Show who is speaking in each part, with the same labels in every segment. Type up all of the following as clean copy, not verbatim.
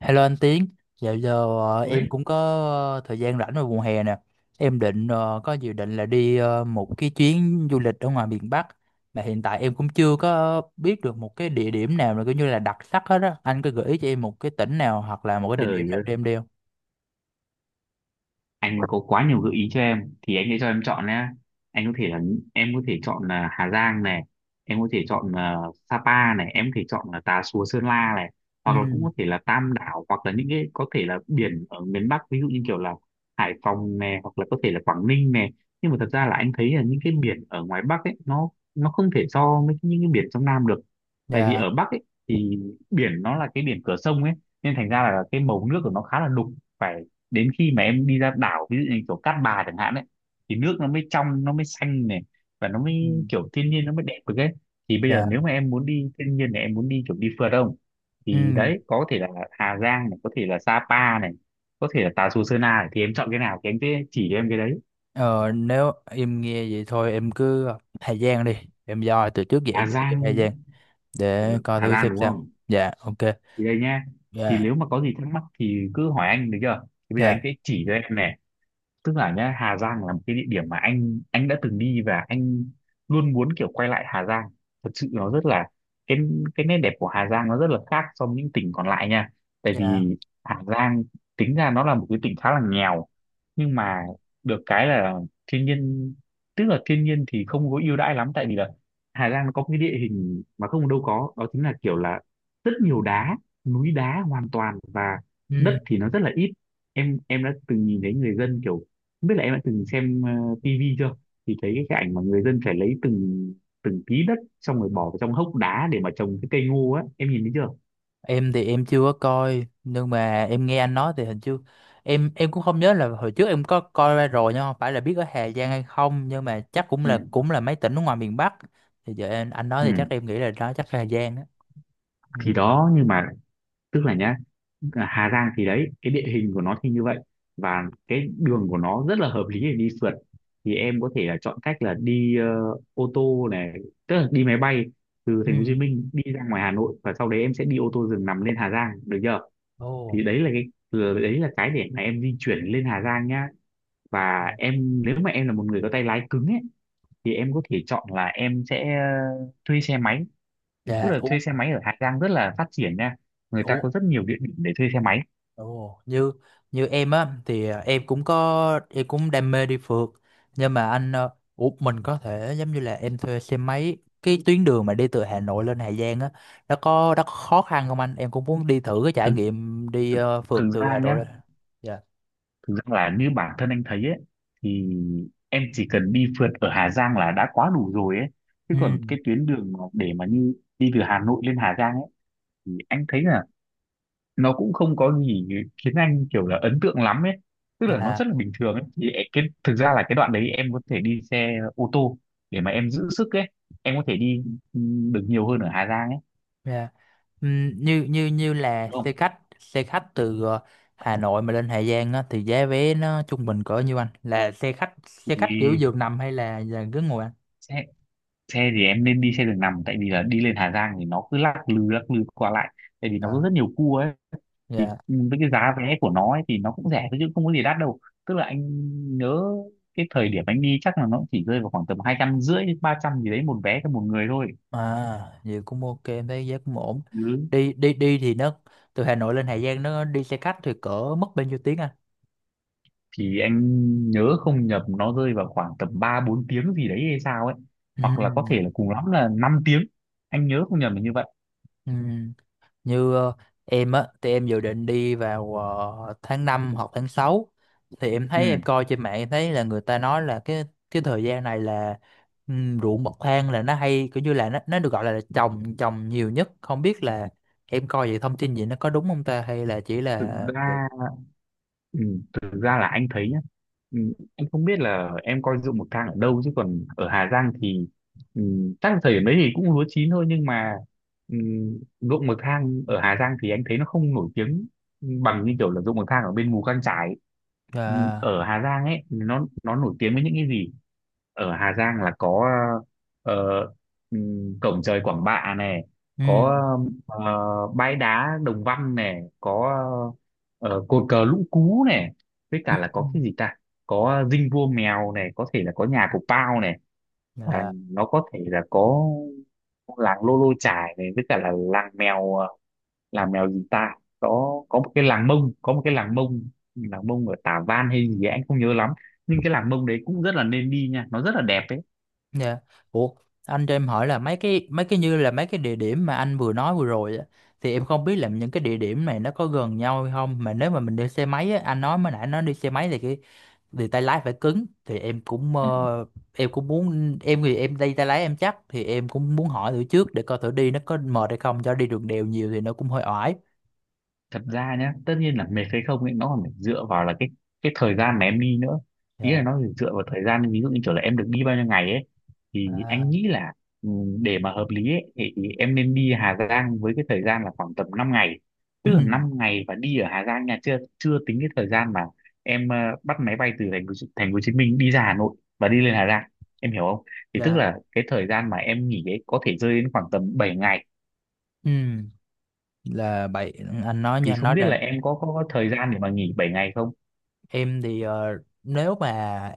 Speaker 1: Hello anh Tiến, dạo giờ em
Speaker 2: Ôi,
Speaker 1: cũng có thời gian rảnh vào mùa hè nè. Em định có dự định là đi một cái chuyến du lịch ở ngoài miền Bắc, mà hiện tại em cũng chưa có biết được một cái địa điểm nào là coi như là đặc sắc hết á. Anh có gợi ý cho em một cái tỉnh nào hoặc là một cái địa điểm
Speaker 2: trời
Speaker 1: nào
Speaker 2: ơi,
Speaker 1: cho em đi không?
Speaker 2: anh có quá nhiều gợi ý cho em thì anh sẽ cho em chọn nhé. Anh có thể là em có thể chọn là Hà Giang này, em có thể chọn là Sapa này, em có thể chọn là Tà Xùa Sơn La này,
Speaker 1: Ừ,
Speaker 2: hoặc là cũng có thể là Tam Đảo hoặc là những cái có thể là biển ở miền Bắc ví dụ như kiểu là Hải Phòng này hoặc là có thể là Quảng Ninh này. Nhưng mà thật ra là anh thấy là những cái biển ở ngoài Bắc ấy nó không thể so với những cái biển trong Nam được. Tại vì
Speaker 1: dạ,
Speaker 2: ở Bắc ấy thì biển nó là cái biển cửa sông ấy, nên thành ra là cái màu nước của nó khá là đục, phải đến khi mà em đi ra đảo ví dụ như kiểu Cát Bà chẳng hạn ấy thì nước nó mới trong, nó mới xanh này, và nó mới
Speaker 1: ừ,
Speaker 2: kiểu thiên nhiên nó mới đẹp được ấy. Thì bây giờ
Speaker 1: dạ,
Speaker 2: nếu mà em muốn đi thiên nhiên này, em muốn đi kiểu đi phượt không, thì
Speaker 1: ừ.
Speaker 2: đấy có thể là Hà Giang này, có thể là Sapa này, có thể là Tà Xùa Sơn Na này, thì em chọn cái nào thì em sẽ chỉ cho em cái đấy.
Speaker 1: Ờ, Nếu em nghe vậy thôi em cứ Hà Giang đi. Em doi từ trước giờ
Speaker 2: Hà
Speaker 1: em doi cái
Speaker 2: Giang
Speaker 1: Hà Giang để coi
Speaker 2: Hà
Speaker 1: thử
Speaker 2: Giang
Speaker 1: xem
Speaker 2: đúng
Speaker 1: sao.
Speaker 2: không,
Speaker 1: Dạ, ok.
Speaker 2: thì đây nhá, thì
Speaker 1: Dạ,
Speaker 2: nếu mà có gì thắc mắc thì cứ hỏi anh được chưa. Thì bây giờ anh
Speaker 1: dạ,
Speaker 2: sẽ chỉ cho em này, tức là nhá, Hà Giang là một cái địa điểm mà anh đã từng đi và anh luôn muốn kiểu quay lại Hà Giang. Thật sự nó rất là cái cái nét đẹp của Hà Giang nó rất là khác so với những tỉnh còn lại nha. Tại
Speaker 1: dạ.
Speaker 2: vì Hà Giang tính ra nó là một cái tỉnh khá là nghèo nhưng mà được cái là thiên nhiên, tức là thiên nhiên thì không có ưu đãi lắm, tại vì là Hà Giang nó có một cái địa hình mà không đâu có, đó chính là kiểu là rất nhiều đá, núi đá hoàn toàn, và
Speaker 1: Ừ.
Speaker 2: đất thì nó rất là ít. Em đã từng nhìn thấy người dân kiểu không biết là em đã từng xem tivi chưa, thì thấy cái ảnh mà người dân phải lấy từng từng tí đất xong rồi bỏ vào trong hốc đá để mà trồng cái cây ngô á, em nhìn thấy chưa.
Speaker 1: Em thì em chưa có coi, nhưng mà em nghe anh nói thì hình như em cũng không nhớ là hồi trước em có coi ra rồi, nhưng không phải là biết ở Hà Giang hay không, nhưng mà chắc cũng
Speaker 2: ừ
Speaker 1: là mấy tỉnh ở ngoài miền Bắc, thì giờ em, anh nói
Speaker 2: ừ.
Speaker 1: thì chắc em nghĩ là đó chắc là Hà Giang á. Ừ,
Speaker 2: Thì đó, nhưng mà tức là nhá, à, Hà Giang thì đấy cái địa hình của nó thì như vậy, và cái đường của nó rất là hợp lý để đi phượt. Thì em có thể là chọn cách là đi ô tô này, tức là đi máy bay từ thành phố Hồ Chí
Speaker 1: ừ,
Speaker 2: Minh đi ra ngoài Hà Nội và sau đấy em sẽ đi ô tô giường nằm lên Hà Giang được chưa.
Speaker 1: ồ,
Speaker 2: Thì đấy là đấy là cái để mà em di chuyển lên Hà Giang nhá. Và
Speaker 1: dạ.
Speaker 2: em nếu mà em là một người có tay lái cứng ấy thì em có thể chọn là em sẽ thuê xe máy, tức
Speaker 1: Dạ,
Speaker 2: là
Speaker 1: ủa,
Speaker 2: thuê xe máy ở Hà Giang rất là phát triển nha, người ta
Speaker 1: ủa.
Speaker 2: có rất nhiều địa điểm để thuê xe máy.
Speaker 1: Ồ, như như em á thì em cũng có em cũng đam mê đi phượt, nhưng mà anh ủa, mình có thể giống như là em thuê xe máy, cái tuyến đường mà đi từ Hà Nội lên Hà Giang á, nó có khó khăn không anh, em cũng muốn đi thử cái trải
Speaker 2: Thực
Speaker 1: nghiệm đi
Speaker 2: thực,
Speaker 1: phượt
Speaker 2: Thực
Speaker 1: từ
Speaker 2: ra
Speaker 1: Hà Nội
Speaker 2: nhá,
Speaker 1: lên. Dạ,
Speaker 2: thực ra là như bản thân anh thấy ấy thì em chỉ cần đi phượt ở Hà Giang là đã quá đủ rồi ấy, chứ
Speaker 1: ừ,
Speaker 2: còn cái tuyến đường mà để mà như đi từ Hà Nội lên Hà Giang ấy thì anh thấy là nó cũng không có gì khiến anh kiểu là ấn tượng lắm ấy, tức là nó
Speaker 1: dạ,
Speaker 2: rất là bình thường ấy. Thì cái thực ra là cái đoạn đấy em có thể đi xe ô tô để mà
Speaker 1: ừ,
Speaker 2: em giữ sức ấy, em có thể đi ừ, được nhiều hơn ở Hà Giang ấy,
Speaker 1: dạ, ừ, như như như là
Speaker 2: đúng
Speaker 1: xe
Speaker 2: không.
Speaker 1: khách từ Hà Nội mà lên Hà Giang á thì giá vé nó trung bình cỡ nhiêu anh, là xe khách kiểu
Speaker 2: Vì
Speaker 1: giường nằm hay là ghế ngồi
Speaker 2: xe xe thì em nên đi xe đường nằm, tại vì là đi lên Hà Giang thì nó cứ lắc lư qua lại, tại vì nó có
Speaker 1: anh.
Speaker 2: rất nhiều cua ấy. Thì
Speaker 1: Dạ.
Speaker 2: với cái giá vé của nó ấy thì nó cũng rẻ thôi chứ không có gì đắt đâu, tức là anh nhớ cái thời điểm anh đi chắc là nó chỉ rơi vào khoảng tầm 250 đến 300 gì đấy, một vé cho một người thôi.
Speaker 1: À, vậy cũng ok, em thấy giá cũng ổn.
Speaker 2: Ừ.
Speaker 1: Đi đi đi thì nó từ Hà Nội lên Hà Giang nó đi xe khách thì cỡ mất bao nhiêu tiếng anh?
Speaker 2: Thì anh nhớ không nhầm nó rơi vào khoảng tầm 3 4 tiếng gì đấy hay sao ấy.
Speaker 1: Ừ.
Speaker 2: Hoặc là có thể là cùng lắm là 5 tiếng. Anh nhớ không nhầm là như vậy.
Speaker 1: Ừ. Như em á thì em dự định đi vào tháng 5 hoặc tháng 6, thì em
Speaker 2: Ừ.
Speaker 1: thấy em coi trên mạng em thấy là người ta nói là cái thời gian này là ruộng bậc thang là nó hay kiểu như là nó được gọi là trồng trồng nhiều nhất, không biết là em coi vậy thông tin gì nó có đúng không ta hay là chỉ
Speaker 2: Thực
Speaker 1: là
Speaker 2: ra Ừ, thực ra là anh thấy nhá, ừ, anh không biết là em coi ruộng bậc thang ở đâu chứ còn ở Hà Giang thì ừ, chắc là thời điểm đấy thì cũng lúa chín thôi, nhưng mà ừ, ruộng bậc thang ở Hà Giang thì anh thấy nó không nổi tiếng bằng như kiểu là ruộng bậc thang ở bên Mù Căng Chải. Ừ,
Speaker 1: à,
Speaker 2: Ở Hà Giang ấy nó nổi tiếng với những cái gì, ở Hà Giang là có ờ, cổng trời Quảng Bạ này,
Speaker 1: ừ.
Speaker 2: có ờ, bãi đá Đồng Văn này, có cột cờ Lũng Cú này, với
Speaker 1: Ừ.
Speaker 2: cả là
Speaker 1: Ừ.
Speaker 2: có cái gì ta, có dinh vua mèo này, có thể là có nhà của Pao này, và
Speaker 1: Dạ,
Speaker 2: nó có thể là có làng Lô Lô Chải này, với cả là làng mèo làng mèo gì ta, có một cái làng Mông, có một cái làng Mông, làng Mông ở Tả Văn hay gì ấy, anh không nhớ lắm, nhưng cái làng Mông đấy cũng rất là nên đi nha, nó rất là đẹp đấy.
Speaker 1: dạ. Ủa, anh cho em hỏi là mấy cái như là mấy cái địa điểm mà anh vừa nói vừa rồi á, thì em không biết là những cái địa điểm này nó có gần nhau hay không, mà nếu mà mình đi xe máy á, anh nói mới nãy nó đi xe máy thì cái thì tay lái phải cứng, thì em cũng em cũng muốn em thì em đi tay lái em chắc thì em cũng muốn hỏi thử trước để coi thử đi nó có mệt hay không, cho đi đường đèo nhiều thì nó cũng hơi oải.
Speaker 2: Thật ra nhá, tất nhiên là mệt hay không ấy nó còn phải dựa vào là cái thời gian mà em đi nữa, ý là
Speaker 1: Dạ.
Speaker 2: nó phải dựa vào thời gian, ví dụ như kiểu là em được đi bao nhiêu ngày ấy. Thì anh
Speaker 1: À.
Speaker 2: nghĩ là ừ, để mà hợp lý ấy, thì em nên đi Hà Giang với cái thời gian là khoảng tầm 5 ngày,
Speaker 1: Ừ.
Speaker 2: tức là 5 ngày và đi ở Hà Giang nha, chưa chưa tính cái thời gian mà em bắt máy bay từ thành phố Hồ Chí Minh đi ra Hà Nội và đi lên Hà Giang, em hiểu không. Thì tức
Speaker 1: Dạ.
Speaker 2: là cái thời gian mà em nghỉ ấy có thể rơi đến khoảng tầm 7 ngày,
Speaker 1: Ừ. Là vậy anh nói như
Speaker 2: thì
Speaker 1: anh
Speaker 2: không
Speaker 1: nói
Speaker 2: biết
Speaker 1: là
Speaker 2: là em có thời gian để mà nghỉ 7 ngày không.
Speaker 1: em thì nếu mà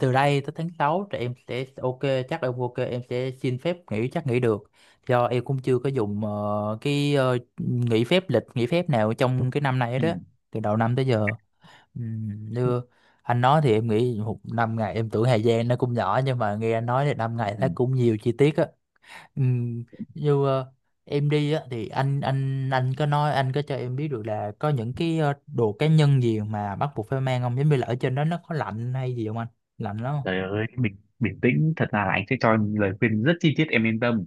Speaker 1: từ đây tới tháng 6 thì em sẽ ok, chắc em ok em sẽ xin phép nghỉ chắc nghỉ được, do em cũng chưa có dùng cái nghỉ phép lịch nghỉ phép nào trong cái năm này
Speaker 2: Ừ.
Speaker 1: đó, từ đầu năm tới giờ. Như anh nói thì em nghĩ một 5 ngày em tưởng thời gian nó cũng nhỏ, nhưng mà nghe anh nói thì 5 ngày
Speaker 2: Ừ.
Speaker 1: thấy cũng nhiều chi tiết. Ừ, như em đi á thì anh có nói anh có cho em biết được là có những cái đồ cá nhân gì mà bắt buộc phải mang không, giống như là ở trên đó nó có lạnh hay gì không anh, lạnh lắm không?
Speaker 2: Trời ơi, bình bình tĩnh, thật ra là anh sẽ cho em lời khuyên rất chi tiết, em yên tâm.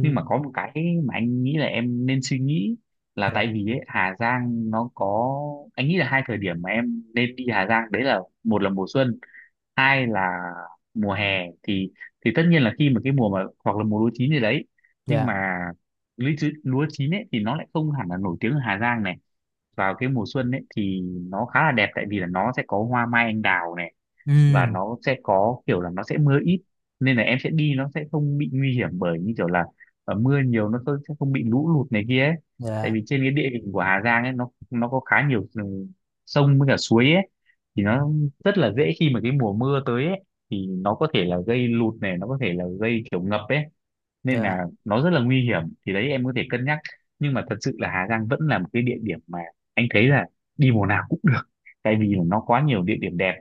Speaker 2: Nhưng mà có một cái mà anh nghĩ là em nên suy nghĩ là tại
Speaker 1: dạ,
Speaker 2: vì ấy, Hà Giang nó có, anh nghĩ là hai thời điểm mà em nên đi Hà Giang đấy là một là mùa xuân, hai là mùa hè. Thì tất nhiên là khi mà cái mùa mà hoặc là mùa lúa chín gì đấy, nhưng
Speaker 1: dạ,
Speaker 2: mà lúa chín ấy thì nó lại không hẳn là nổi tiếng ở Hà Giang này. Vào cái mùa xuân ấy thì nó khá là đẹp, tại vì là nó sẽ có hoa mai anh đào này, và
Speaker 1: ừ,
Speaker 2: nó sẽ có kiểu là nó sẽ mưa ít, nên là em sẽ đi nó sẽ không bị nguy hiểm bởi như kiểu là ở mưa nhiều nó sẽ không bị lũ lụt này kia ấy. Tại
Speaker 1: dạ,
Speaker 2: vì trên cái địa hình của Hà Giang ấy, nó có khá nhiều sông với cả suối ấy, thì nó rất là dễ khi mà cái mùa mưa tới ấy, thì nó có thể là gây lụt này, nó có thể là gây kiểu ngập ấy, nên
Speaker 1: dạ,
Speaker 2: là nó rất là nguy hiểm. Thì đấy, em có thể cân nhắc. Nhưng mà thật sự là Hà Giang vẫn là một cái địa điểm mà anh thấy là đi mùa nào cũng được, tại vì là nó quá nhiều địa điểm đẹp.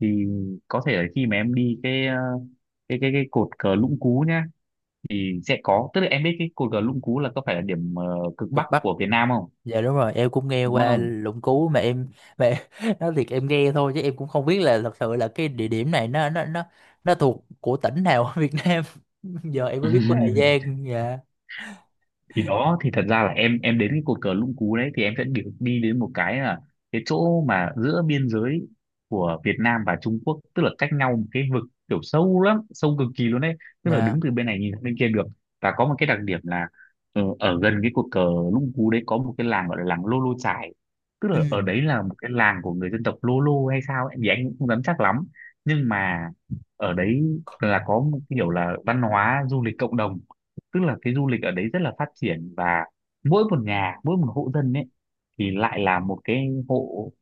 Speaker 2: Thì có thể là khi mà em đi cái cột cờ Lũng Cú nhá, thì sẽ có, tức là em biết cái cột cờ Lũng Cú là có phải là điểm cực bắc
Speaker 1: cực Bắc,
Speaker 2: của Việt Nam không?
Speaker 1: dạ đúng rồi, em cũng nghe
Speaker 2: Đúng
Speaker 1: qua
Speaker 2: không?
Speaker 1: Lũng Cú mà em mà nói thiệt em nghe thôi chứ em cũng không biết là thật sự là cái địa điểm này nó thuộc của tỉnh nào ở Việt Nam, giờ em mới biết của Hà Giang. Dạ,
Speaker 2: Thì đó, thì thật ra là em đến cái cột cờ Lũng Cú đấy thì em sẽ đi, đi đến một cái là cái chỗ mà giữa biên giới của Việt Nam và Trung Quốc, tức là cách nhau một cái vực kiểu sâu lắm, sâu cực kỳ luôn đấy, tức là
Speaker 1: dạ,
Speaker 2: đứng từ bên này nhìn sang bên kia được. Và có một cái đặc điểm là ở gần cái cột cờ Lũng Cú đấy có một cái làng gọi là làng Lô Lô Chải, tức
Speaker 1: ừ,
Speaker 2: là ở đấy là một cái làng của người dân tộc Lô Lô hay sao ấy, thì anh cũng không dám chắc lắm. Nhưng mà ở đấy là có một kiểu là văn hóa du lịch cộng đồng, tức là cái du lịch ở đấy rất là phát triển, và mỗi một nhà, mỗi một hộ dân ấy, thì lại là một cái hộ,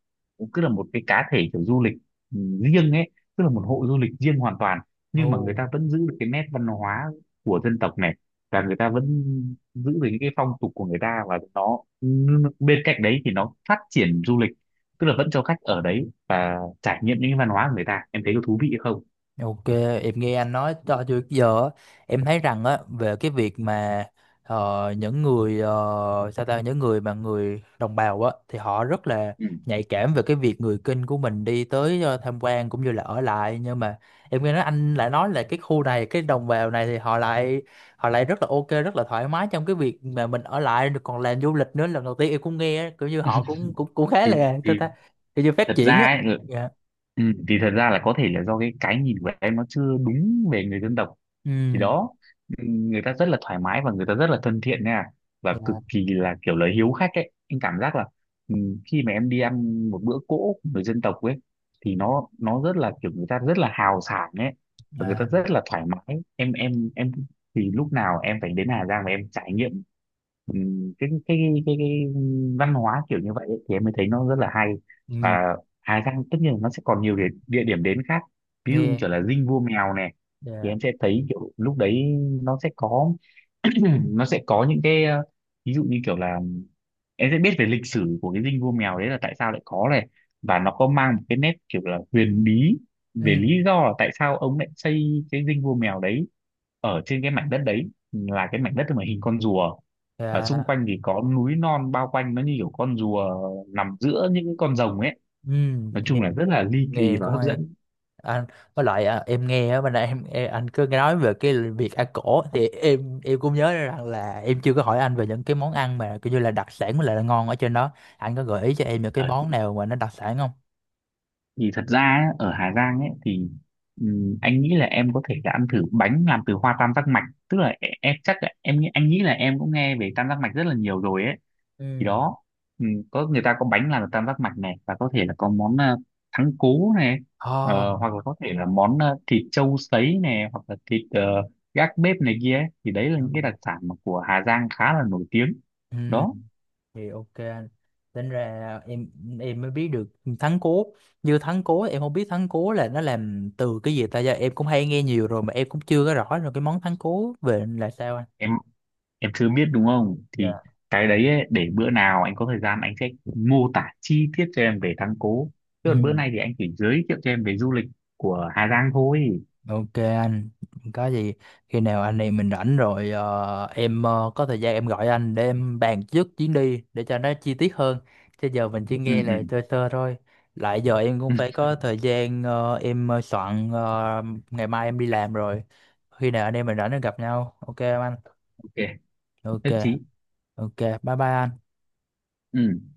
Speaker 2: cứ là một cái cá thể kiểu du lịch ừ, riêng ấy, tức là một hộ du lịch riêng hoàn toàn, nhưng
Speaker 1: ồ.
Speaker 2: mà người ta vẫn giữ được cái nét văn hóa của dân tộc này, và người ta vẫn giữ được những cái phong tục của người ta, và nó bên cạnh đấy thì nó phát triển du lịch, tức là vẫn cho khách ở đấy và trải nghiệm những cái văn hóa của người ta. Em thấy có thú vị không?
Speaker 1: Ok, em nghe anh nói cho tới giờ á, em thấy rằng á về cái việc mà những người sao ta những người mà người đồng bào á thì họ rất là
Speaker 2: Ừ.
Speaker 1: nhạy cảm về cái việc người Kinh của mình đi tới tham quan cũng như là ở lại, nhưng mà em nghe nói anh lại nói là cái khu này cái đồng bào này thì họ lại rất là ok, rất là thoải mái trong cái việc mà mình ở lại được còn làm du lịch nữa, lần đầu tiên em cũng nghe á, kiểu như họ cũng cũng cũng khá
Speaker 2: thì
Speaker 1: là sao
Speaker 2: thì
Speaker 1: ta, kiểu như phát
Speaker 2: thật
Speaker 1: triển á.
Speaker 2: ra ấy,
Speaker 1: Dạ,
Speaker 2: Thì thật ra là có thể là do cái nhìn của em nó chưa đúng về người dân tộc. Thì
Speaker 1: ừ,
Speaker 2: đó, người ta rất là thoải mái và người ta rất là thân thiện nha, và cực
Speaker 1: dạ,
Speaker 2: kỳ là kiểu là hiếu khách ấy, anh cảm giác là ừ, khi mà em đi ăn một bữa cỗ của người dân tộc ấy, thì nó rất là kiểu người ta rất là hào sảng ấy, và người ta
Speaker 1: à,
Speaker 2: rất là thoải mái. Em thì lúc nào em phải đến Hà Giang và em trải nghiệm ừ, cái cái văn hóa kiểu như vậy ấy, thì em mới thấy nó rất là hay.
Speaker 1: ừ,
Speaker 2: Và Hà Giang tất nhiên là nó sẽ còn nhiều địa điểm đến khác, ví dụ như
Speaker 1: nghe,
Speaker 2: kiểu là Dinh Vua Mèo này, thì
Speaker 1: dạ,
Speaker 2: em sẽ thấy kiểu lúc đấy nó sẽ có nó sẽ có những ví dụ như kiểu là em sẽ biết về lịch sử của cái Dinh Vua Mèo đấy là tại sao lại có này, và nó có mang một cái nét kiểu là huyền bí
Speaker 1: ừ,
Speaker 2: về lý do là tại sao ông lại xây cái Dinh Vua Mèo đấy ở trên cái mảnh đất đấy là cái mảnh đất mà hình con rùa, và xung
Speaker 1: dạ,
Speaker 2: quanh thì có núi non bao quanh nó như kiểu con rùa nằm giữa những con rồng ấy.
Speaker 1: ừ,
Speaker 2: Nói
Speaker 1: nghe,
Speaker 2: chung là rất là ly kỳ và
Speaker 1: cũng
Speaker 2: hấp
Speaker 1: hay
Speaker 2: dẫn.
Speaker 1: anh, với lại em nghe á bên đây em, anh cứ nói về cái việc ăn cổ thì em cũng nhớ ra rằng là em chưa có hỏi anh về những cái món ăn mà kiểu như là đặc sản với lại là ngon ở trên đó, anh có gợi ý cho em những cái món nào mà nó đặc sản không?
Speaker 2: Thì thật ra ấy, ở Hà Giang ấy thì anh nghĩ là em có thể là ăn thử bánh làm từ hoa tam giác mạch, tức là em chắc là em nghĩ, anh nghĩ là em cũng nghe về tam giác mạch rất là nhiều rồi ấy. Thì
Speaker 1: Ừ.
Speaker 2: đó, có, người ta có bánh làm từ tam giác mạch này, và có thể là có món thắng cố này,
Speaker 1: Ồ.
Speaker 2: hoặc là có thể là món thịt trâu sấy này, hoặc là thịt gác bếp này kia ấy. Thì đấy là những cái đặc sản mà của Hà Giang khá là nổi tiếng.
Speaker 1: Ừ,
Speaker 2: Đó.
Speaker 1: thì ok anh, tính ra em mới biết được thắng cố, như thắng cố em không biết thắng cố là nó làm từ cái gì ta, giờ em cũng hay nghe nhiều rồi mà em cũng chưa có rõ rồi, cái món thắng cố về là sao anh.
Speaker 2: em em chưa biết đúng không? Thì
Speaker 1: Dạ,
Speaker 2: cái đấy ấy, để bữa nào anh có thời gian anh sẽ mô tả chi tiết cho em về thắng cố, chứ
Speaker 1: ừ.
Speaker 2: còn bữa nay thì anh chỉ giới thiệu cho em về du lịch của Hà Giang thôi.
Speaker 1: Ok anh, có gì khi nào anh em mình rảnh rồi em có thời gian em gọi anh để em bàn trước chuyến đi để cho nó chi tiết hơn. Chứ giờ mình chỉ
Speaker 2: ừ
Speaker 1: nghe
Speaker 2: ừ,
Speaker 1: là sơ sơ thôi. Lại giờ em cũng
Speaker 2: Ừ.
Speaker 1: phải có thời gian em soạn ngày mai em đi làm rồi. Khi nào anh em mình rảnh thì gặp nhau. Ok không anh?
Speaker 2: OK,
Speaker 1: Ok,
Speaker 2: nhất trí.
Speaker 1: ok. Bye bye anh.
Speaker 2: Ừ.